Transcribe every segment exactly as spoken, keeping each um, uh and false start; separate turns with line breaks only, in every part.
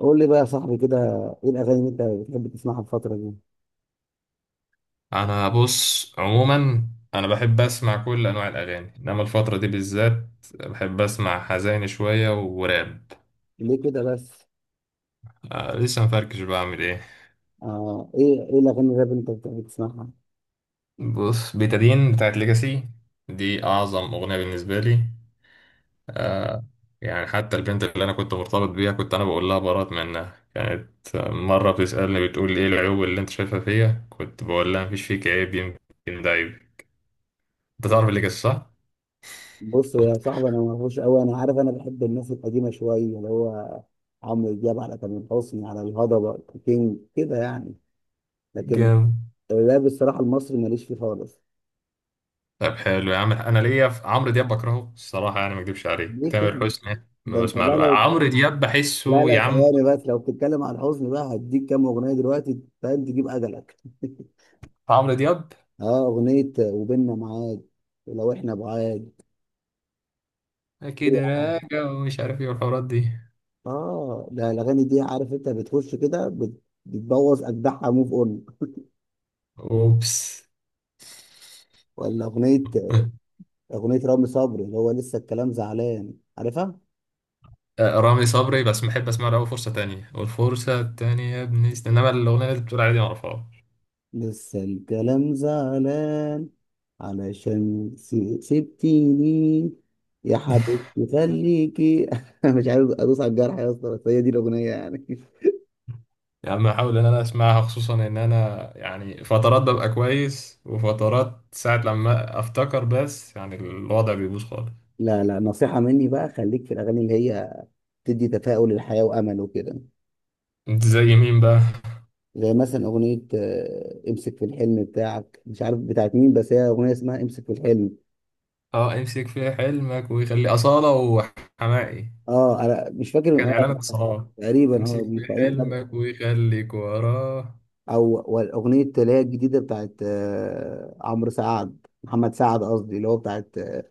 قول لي بقى يا صاحبي كده، ايه الاغاني اللي انت بتحب تسمعها الفتره دي؟
انا بص عموما، انا بحب اسمع كل انواع الاغاني، انما الفتره دي بالذات بحب اسمع حزين شويه وراب.
ليه كده بس؟
آه، لسه مفركش بعمل ايه.
آه، ايه ايه الاغاني الراب اللي انت بتحب تسمعها؟
بص، بيتادين بتاعت ليجاسي دي اعظم اغنيه بالنسبه لي. آه، يعني حتى البنت اللي انا كنت مرتبط بيها كنت انا بقول لها برات منها، كانت مره بتسالني بتقول لي ايه العيوب اللي انت شايفها فيا، كنت بقول لها مفيش فيك عيب، يمكن ده عيب. انت
آه.
تعرف ليجاسي صح؟
بص يا صاحبي انا ما اعرفوش قوي، انا عارف انا بحب الناس القديمه شويه اللي هو عمرو دياب على تامر حسني على الهضبه، كينج كده يعني. لكن
جامد.
الراب الصراحه المصري ماليش فيه خالص.
طب حلو يا عم، انا ليا في عمرو دياب بكرهه الصراحه، يعني ما اكدبش عليك،
ليه كده؟
تامر حسني ما
ده انت
بسمع
بقى
له،
لو،
عمرو دياب
لا
بحسه
لا
يا عم.
ثواني بس، لو بتتكلم عن الحزن بقى هديك كام اغنيه دلوقتي فاهم تجيب اجلك.
عمرو دياب
اه، اغنيه وبيننا معاد، لو احنا بعاد.
اكيد راجع ومش عارف ايه والحوارات دي.
اه ده الاغاني دي عارف انت بتخش كده بت- بتبوظ اجدعها موف اون.
اوبس.
ولا اغنيه اغنيه رامي صبري اللي هو لسه الكلام زعلان، عارفها؟
آه، رامي صبري بس بحب اسمع له أوي فرصه تانية والفرصه التانية يا ابني، است- انما الاغنيه اللي انت بتقول عليها دي ما اعرفهاش.
لسه الكلام زعلان علشان س- سبتيني يا حبيبتي خليكي. مش عارف ادوس على الجرح يا اسطى، بس هي دي الاغنيه يعني.
يا عم احاول ان انا اسمعها، خصوصا ان انا يعني فترات ببقى كويس وفترات ساعه لما افتكر بس يعني الوضع بيبوظ خالص.
لا لا، نصيحه مني بقى، خليك في الاغاني اللي هي بتدي تفاؤل للحياه وامل وكده.
انت زي مين بقى؟
زي مثلا اغنيه آه، امسك في الحلم بتاعك، مش عارف بتاعت مين، بس هي اغنيه اسمها امسك في الحلم.
اه، امسك في حلمك ويخلي أصالة وحماقي،
اه انا مش فاكر،
كان إعلان
اه
اتصالات.
تقريبا
امسك
اه دي
في
فانت.
حلمك ويخليك وراه.
او والاغنيه اللي هي الجديده بتاعت آه، عمرو سعد، محمد سعد قصدي، اللي هو بتاعت آه،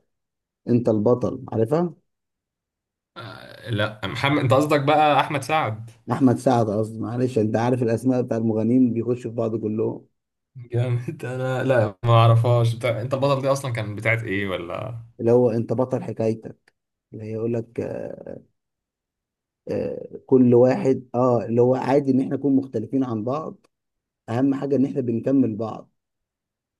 انت البطل، عارفها؟
آه، لا محمد، انت قصدك بقى احمد سعد.
احمد سعد قصدي، معلش انت عارف الاسماء بتاع المغنيين بيخشوا في بعض كلهم.
جامد. انا لا ما اعرفهاش بتاع... انت البطل دي اصلا كان بتاعت ايه ولا؟
اللي هو انت بطل حكايتك، اللي هي يقول لك آه، آه، كل واحد، اه اللي هو عادي ان احنا نكون مختلفين عن بعض، اهم حاجه ان احنا بنكمل بعض.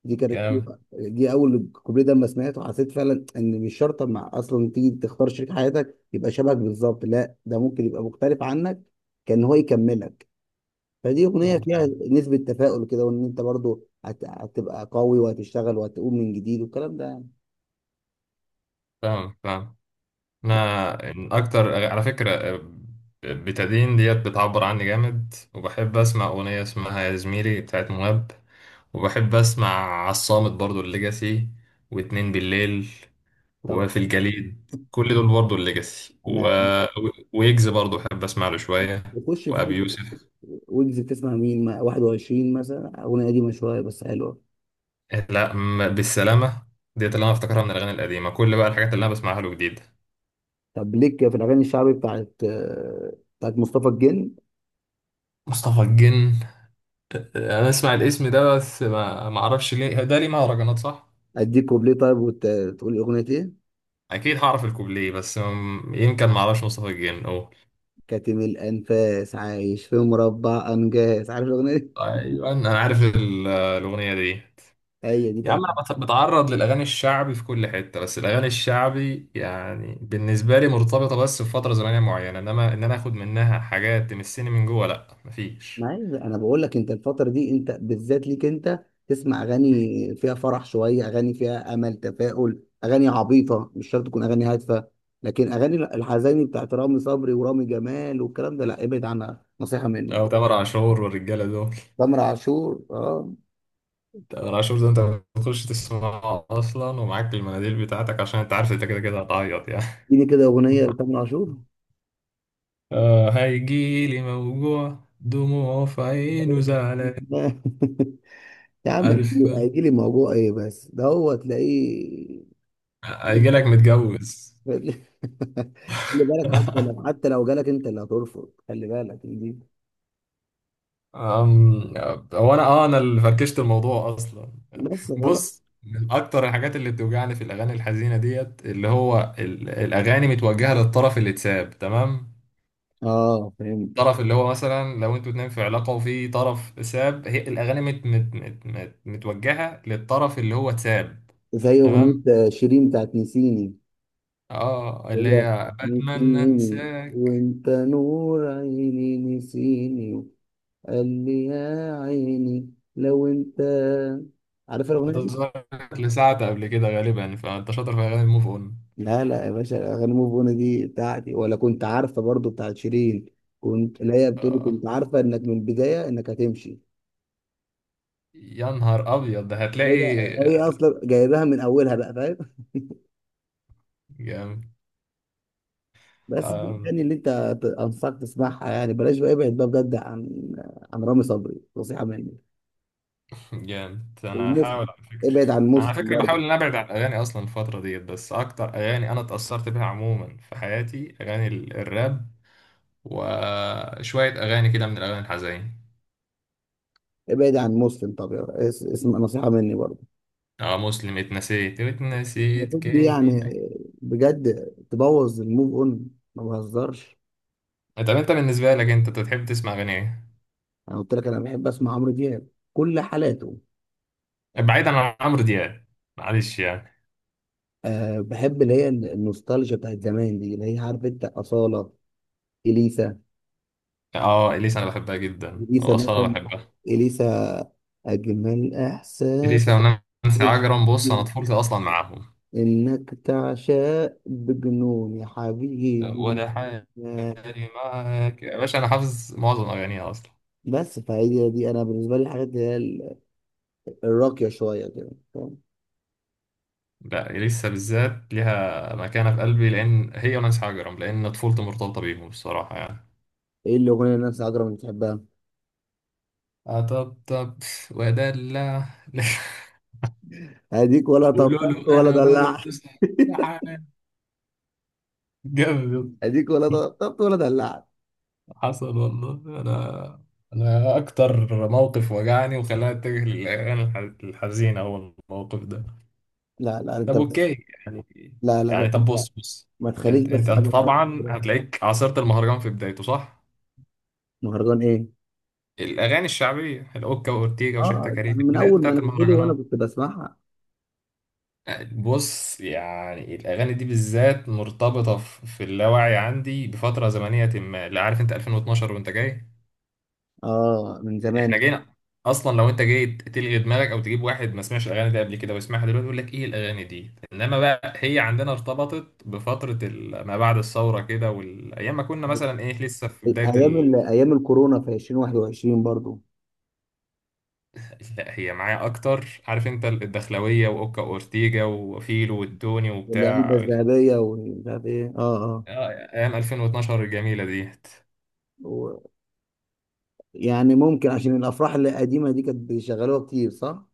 دي كانت
جامد.
أول- دي اول كوبليه، ده لما سمعته حسيت فعلا ان مش شرط مع اصلا تيجي تختار شريك حياتك يبقى شبهك بالظبط، لا ده ممكن يبقى مختلف عنك، كان هو يكملك. فدي اغنيه فيها نسبه تفاؤل كده، وان انت برضو هت... هتبقى قوي وهتشتغل وهتقوم من جديد والكلام ده يعني.
فاهم فاهم. انا إن اكتر على فكره آه، بتدين ديت بتعبر عني جامد، وبحب اسمع اغنيه اسمها يا زميلي بتاعت مهاب، وبحب اسمع عصامت برضو الليجاسي، واتنين بالليل،
طب
وفي الجليد، كل دول برضو الليجاسي و...
انا
ويجز برضو بحب اسمع له شوية،
بخش في
وابي
ويجز،
يوسف.
ويجز بتسمع مين؟ ما واحد وعشرين مثلا اغنيه قديمه شويه بس حلوه.
لا، م- بالسلامة. ديت اللي انا افتكرها من الاغاني القديمة، كل بقى الحاجات اللي انا بسمعها له جديدة.
طب ليك في الاغاني الشعبي بتاعت آه، بتاعت مصطفى الجن؟
مصطفى الجن؟ انا اسمع الاسم ده بس ما ما اعرفش ليه، ده ليه مهرجانات صح؟
اديك كوبليه طيب وتقول اغنيه ايه.
اكيد هعرف الكوبليه بس م- يمكن ما اعرفش مصطفى الجن او.
كاتم الانفاس عايش في مربع انجاز، عارف الاغنيه دي؟
ايوه انا عارف ال- الاغنية دي.
هي دي
يا عم
طيب.
انا بت- بتعرض للاغاني الشعبي في كل حته، بس الاغاني الشعبي يعني بالنسبه لي مرتبطه بس بفتره زمنيه معينه، انما ان انا اخد منها حاجات تمسني من جوه لا، مفيش.
ما هي انا بقول لك، انت الفتره دي انت بالذات ليك انت تسمع اغاني فيها فرح شويه، اغاني فيها امل، تفاؤل، اغاني عبيطه مش شرط تكون اغاني هادفه. لكن اغاني الحزيني بتاعت رامي صبري ورامي جمال والكلام ده لا، ابعد عنها نصيحه مني.
او تامر عاشور والرجاله دول.
تامر عاشور اه،
تامر عاشور ده انت بتخش تسمعه اصلا ومعاك المناديل بتاعتك، عشان انت عارف انت كده كده هتعيط يعني.
اديني كده اغنيه لتامر عاشور.
آه، هيجيلي موجوع، دموع في عينه، زعلان.
يا عم،
عارف،
هيجي لي موضوع ايه بس ده، هو تلاقيه.
هيجيلك متجوز.
خلي بالك، حتى لو حتى لو جالك انت اللي هترفض، خلي بالك دي.
أم... هو انا اه انا اللي فركشت الموضوع اصلا.
بس غلط.
بص، من اكتر الحاجات اللي بتوجعني في الاغاني الحزينه ديت اللي هو ال... الاغاني متوجهه للطرف اللي اتساب، تمام؟
اه فهمت.
الطرف اللي هو مثلا لو انتوا اتنين في علاقه وفي طرف ساب، هي الاغاني مت... مت... مت... مت... متوجهه للطرف اللي هو اتساب.
زي
تمام.
اغنية شيرين بتاعت نسيني.
اه، اللي
هو
هي بتمنى
نسيني
انساك
وانت نور عيني نسيني، قال لي يا عيني لو انت، عارف الاغنية؟
وتظهر لساعة قبل كده غالبا، فانت شاطر في اغاني الموف اون.
لا لا يا باشا، اغاني موف اون دي بتاعتي، ولا كنت عارفه برضو بتاعت شيرين؟ كنت، لا هي بتقولي
آه.
كنت عارفه انك من البدايه انك هتمشي.
يا نهار ابيض ده،
هي
هتلاقي
هي اصلا جايباها من اولها بقى، فاهم؟
جامد.
بس دي الاغاني اللي انت ت- انصحك تسمعها يعني، بلاش بقى، ابعد بقى بجد عن، عن رامي صبري، نصيحه مني.
جامد. انا هحاول
ومسلم،
على فكره.
ابعد عن
انا على
مسلم
فكره
برضو.
بحاول ان ابعد عن الاغاني اصلا الفتره ديت، بس اكتر اغاني انا اتاثرت بيها عموما في حياتي اغاني ال- الراب، وشويه اغاني كده من الاغاني الحزين.
ابعد عن مسلم، طب يا- اس- اسم، نصيحه مني برضو.
اه، مسلم اتنسيت اتنسيت
المفروض دي يعني،
كاني ما.
بجد، تبوظ الموف اون، ما بهزرش.
طب انت بالنسبه لك انت بتحب تسمع اغاني ايه؟
انا قلت لك انا بحب اسمع عمرو دياب، كل حالاته.
بعيدا عن عمرو دياب، معلش يعني.
أه بحب اللي هي النوستالجيا بتاعت زمان دي، اللي هي عارف انت أصالة، إليسا.
اه، اليسا انا بحبها جدا،
إليسا
واصاله
مثلا،
بحبها.
إليسا، أجمل إحساس،
اليسا ونانسي عجرم، بص انا طفولتي اصلا معاهم،
إنك تعشق بجنون يا حبيبي.
وده حالي.
آه،
معاك يا باشا، أنا حافظ معظم أغانيها أصلا.
بس فهي دي أنا بالنسبة لي الحاجات اللي هي ال- الراقية شوية كده، فاهم؟
لا لسه بالذات ليها مكانة في قلبي، لأن هي ونانسي حجرم لأن طفولتي مرتبطة بيهم الصراحة يعني.
إيه الأغنية اللي الناس عجرة ما بتحبها؟
أطبطب وأدلع.
أديك ولا
قولوا
طبطبت
له
ولا
أنا
دلعت.
برضه سرحان. جامد.
أديك ولا طبطبت ولا دلعت.
حصل والله. أنا أنا أكتر موقف وجعني وخلاني أتجه للأغاني الح- الحزينة هو الموقف ده.
لا لا أنت
طب
بس،
اوكي يعني.
لا لا بس،
يعني طب، بص بص،
ما تخليش
انت
بس
انت انت
حاجه تقطع
طبعا
خلاص.
هتلاقيك عاصرت المهرجان في بدايته صح؟
مهرجان ايه؟
الاغاني الشعبيه، الاوكا واورتيجا وشحتة
اه
كاريه،
انا من
البدايات
اول ما
بتاعت
نزله وانا
المهرجانات.
كنت بسمعها.
بص يعني الاغاني دي بالذات مرتبطه في في اللاوعي عندي بفتره زمنيه ما، لا عارف انت ألفين واثنا عشر وانت جاي.
اه من
احنا
زمان.
جينا اصلا، لو انت جيت تلغي دماغك او تجيب واحد ما سمعش الاغاني دي قبل كده ويسمعها دلوقتي يقول لك ايه الاغاني دي، انما بقى هي عندنا ارتبطت بفتره ال- ما بعد الثوره كده، والايام ما كنا مثلا ايه لسه في بدايه
ايام
ال...
ال- ايام الكورونا في ألفين وواحد وعشرين برضو.
لا، هي معايا اكتر، عارف انت الدخلويه واوكا اورتيجا وفيلو والتوني
والعلبه
وبتاع.
الذهبيه ومش عارف ايه، اه اه.
آه، ايام ألفين واتناشر الجميله ديت.
و- يعني ممكن عشان الافراح القديمه دي كانت بيشغلوها كتير، صح؟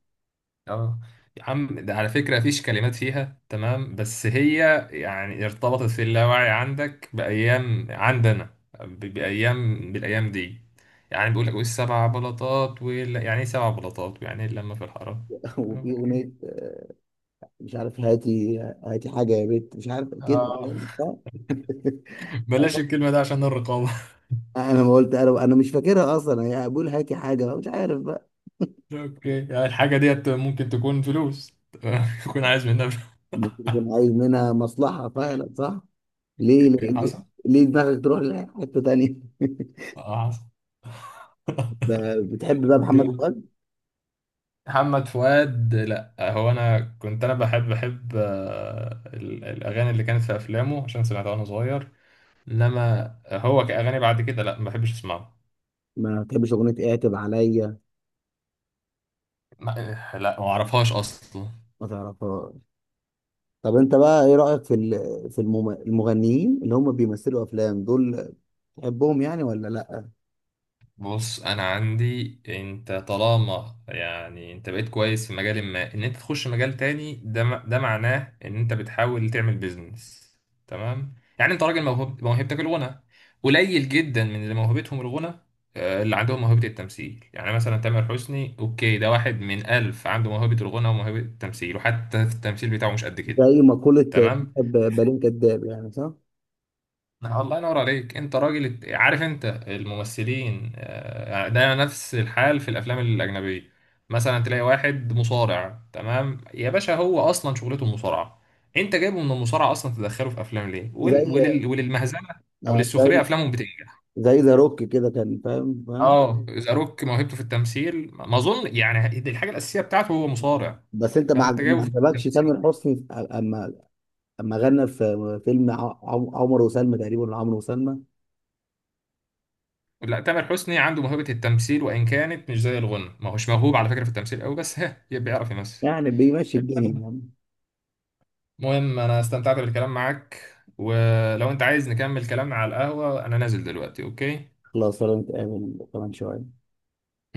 اه، يا عم ده على فكرة مفيش كلمات فيها تمام، بس هي يعني ارتبطت في اللاوعي عندك بأيام عندنا، ب- بأيام، بالأيام دي. يعني بيقول لك والسبع بلاطات وال... يعني ايه سبع بلاطات، يعني ايه اللمة في الحرام.
وفي اغنيه
اوكي،
آه، مش عارف، هاتي هاتي حاجه يا بنت مش عارف كده،
اه.
صح؟
بلاش الكلمة ده عشان الرقابة.
انا ما قلت، انا أنا مش فاكرها اصلا، هي بقول هاتي حاجه مش عارف.
اوكي، يعني الحاجة ديت ممكن تكون فلوس، تكون عايز منها فلوس.
ممكن يكون عايز منها مصلحة فعلا، صح؟ ليه ليه,
حصل.
ليه دماغك تروح لحتة تانية؟
اه حصل.
ب- بتحب بقى محمد
جامد.
فؤاد؟
محمد فؤاد، لا هو انا كنت انا بحب بحب آه، ال- الاغاني اللي كانت في افلامه عشان سمعتها وانا صغير، انما هو كاغاني بعد كده لا ما بحبش اسمعه.
ما بتحبش أغنية اعتب عليا؟
ما- لا ما اعرفهاش اصلا.
ما تعرفهاش؟ طب أنت بقى إيه رأيك في ال- في المم- المغنيين اللي هم بيمثلوا أفلام دول؟ بتحبهم يعني ولا لأ؟
بص انا عندي، انت طالما يعني انت بقيت كويس في مجال ما، ان انت تخش مجال تاني ده م- ده معناه ان انت بتحاول تعمل بيزنس. تمام يعني انت راجل موهوب، موهبتك الغنى. قليل جدا من اللي موهبتهم الغنى آه، اللي عندهم موهبة التمثيل. يعني مثلا تامر حسني اوكي، ده واحد من ألف عنده موهبة الغنى وموهبة التمثيل، وحتى في التمثيل بتاعه مش قد كده.
زي مقولة
تمام.
ب- بلين كداب، يعني صح؟
آه، الله ينور عليك، انت راجل. عارف انت الممثلين آه، ده نفس الحال في الافلام الاجنبيه. مثلا تلاقي واحد مصارع، تمام يا باشا، هو اصلا شغلته المصارعه، انت جايبه من المصارعه اصلا تدخله في افلام ليه، ول...
زي
ولل... وللمهزله او
آه،
للسخريه،
زي،
افلامهم بتنجح.
زي ذا روك كده كان، فاهم فاهم.
اه، ذا روك موهبته في التمثيل ما اظن يعني دي الحاجه الاساسيه بتاعته، هو مصارع،
بس أنت ما
فانت
عج- ما
جايبه في
عجبكش
التمثيل.
تامر حسني، أما اما غنى في فيلم ع- عم- عمر وسلمى تقريبا، ولا عمرو وسلمى؟
لا، تامر حسني عنده موهبه التمثيل، وان كانت مش زي الغنى، ما هوش موهوب على فكره في التمثيل قوي، بس ها بيعرف يمثل.
يعني بيمشي الدنيا يعني.
المهم انا استمتعت بالكلام معاك، ولو انت عايز نكمل كلامنا على القهوة انا نازل دلوقتي اوكي.
خلاص ولا نتقابل كمان شويه؟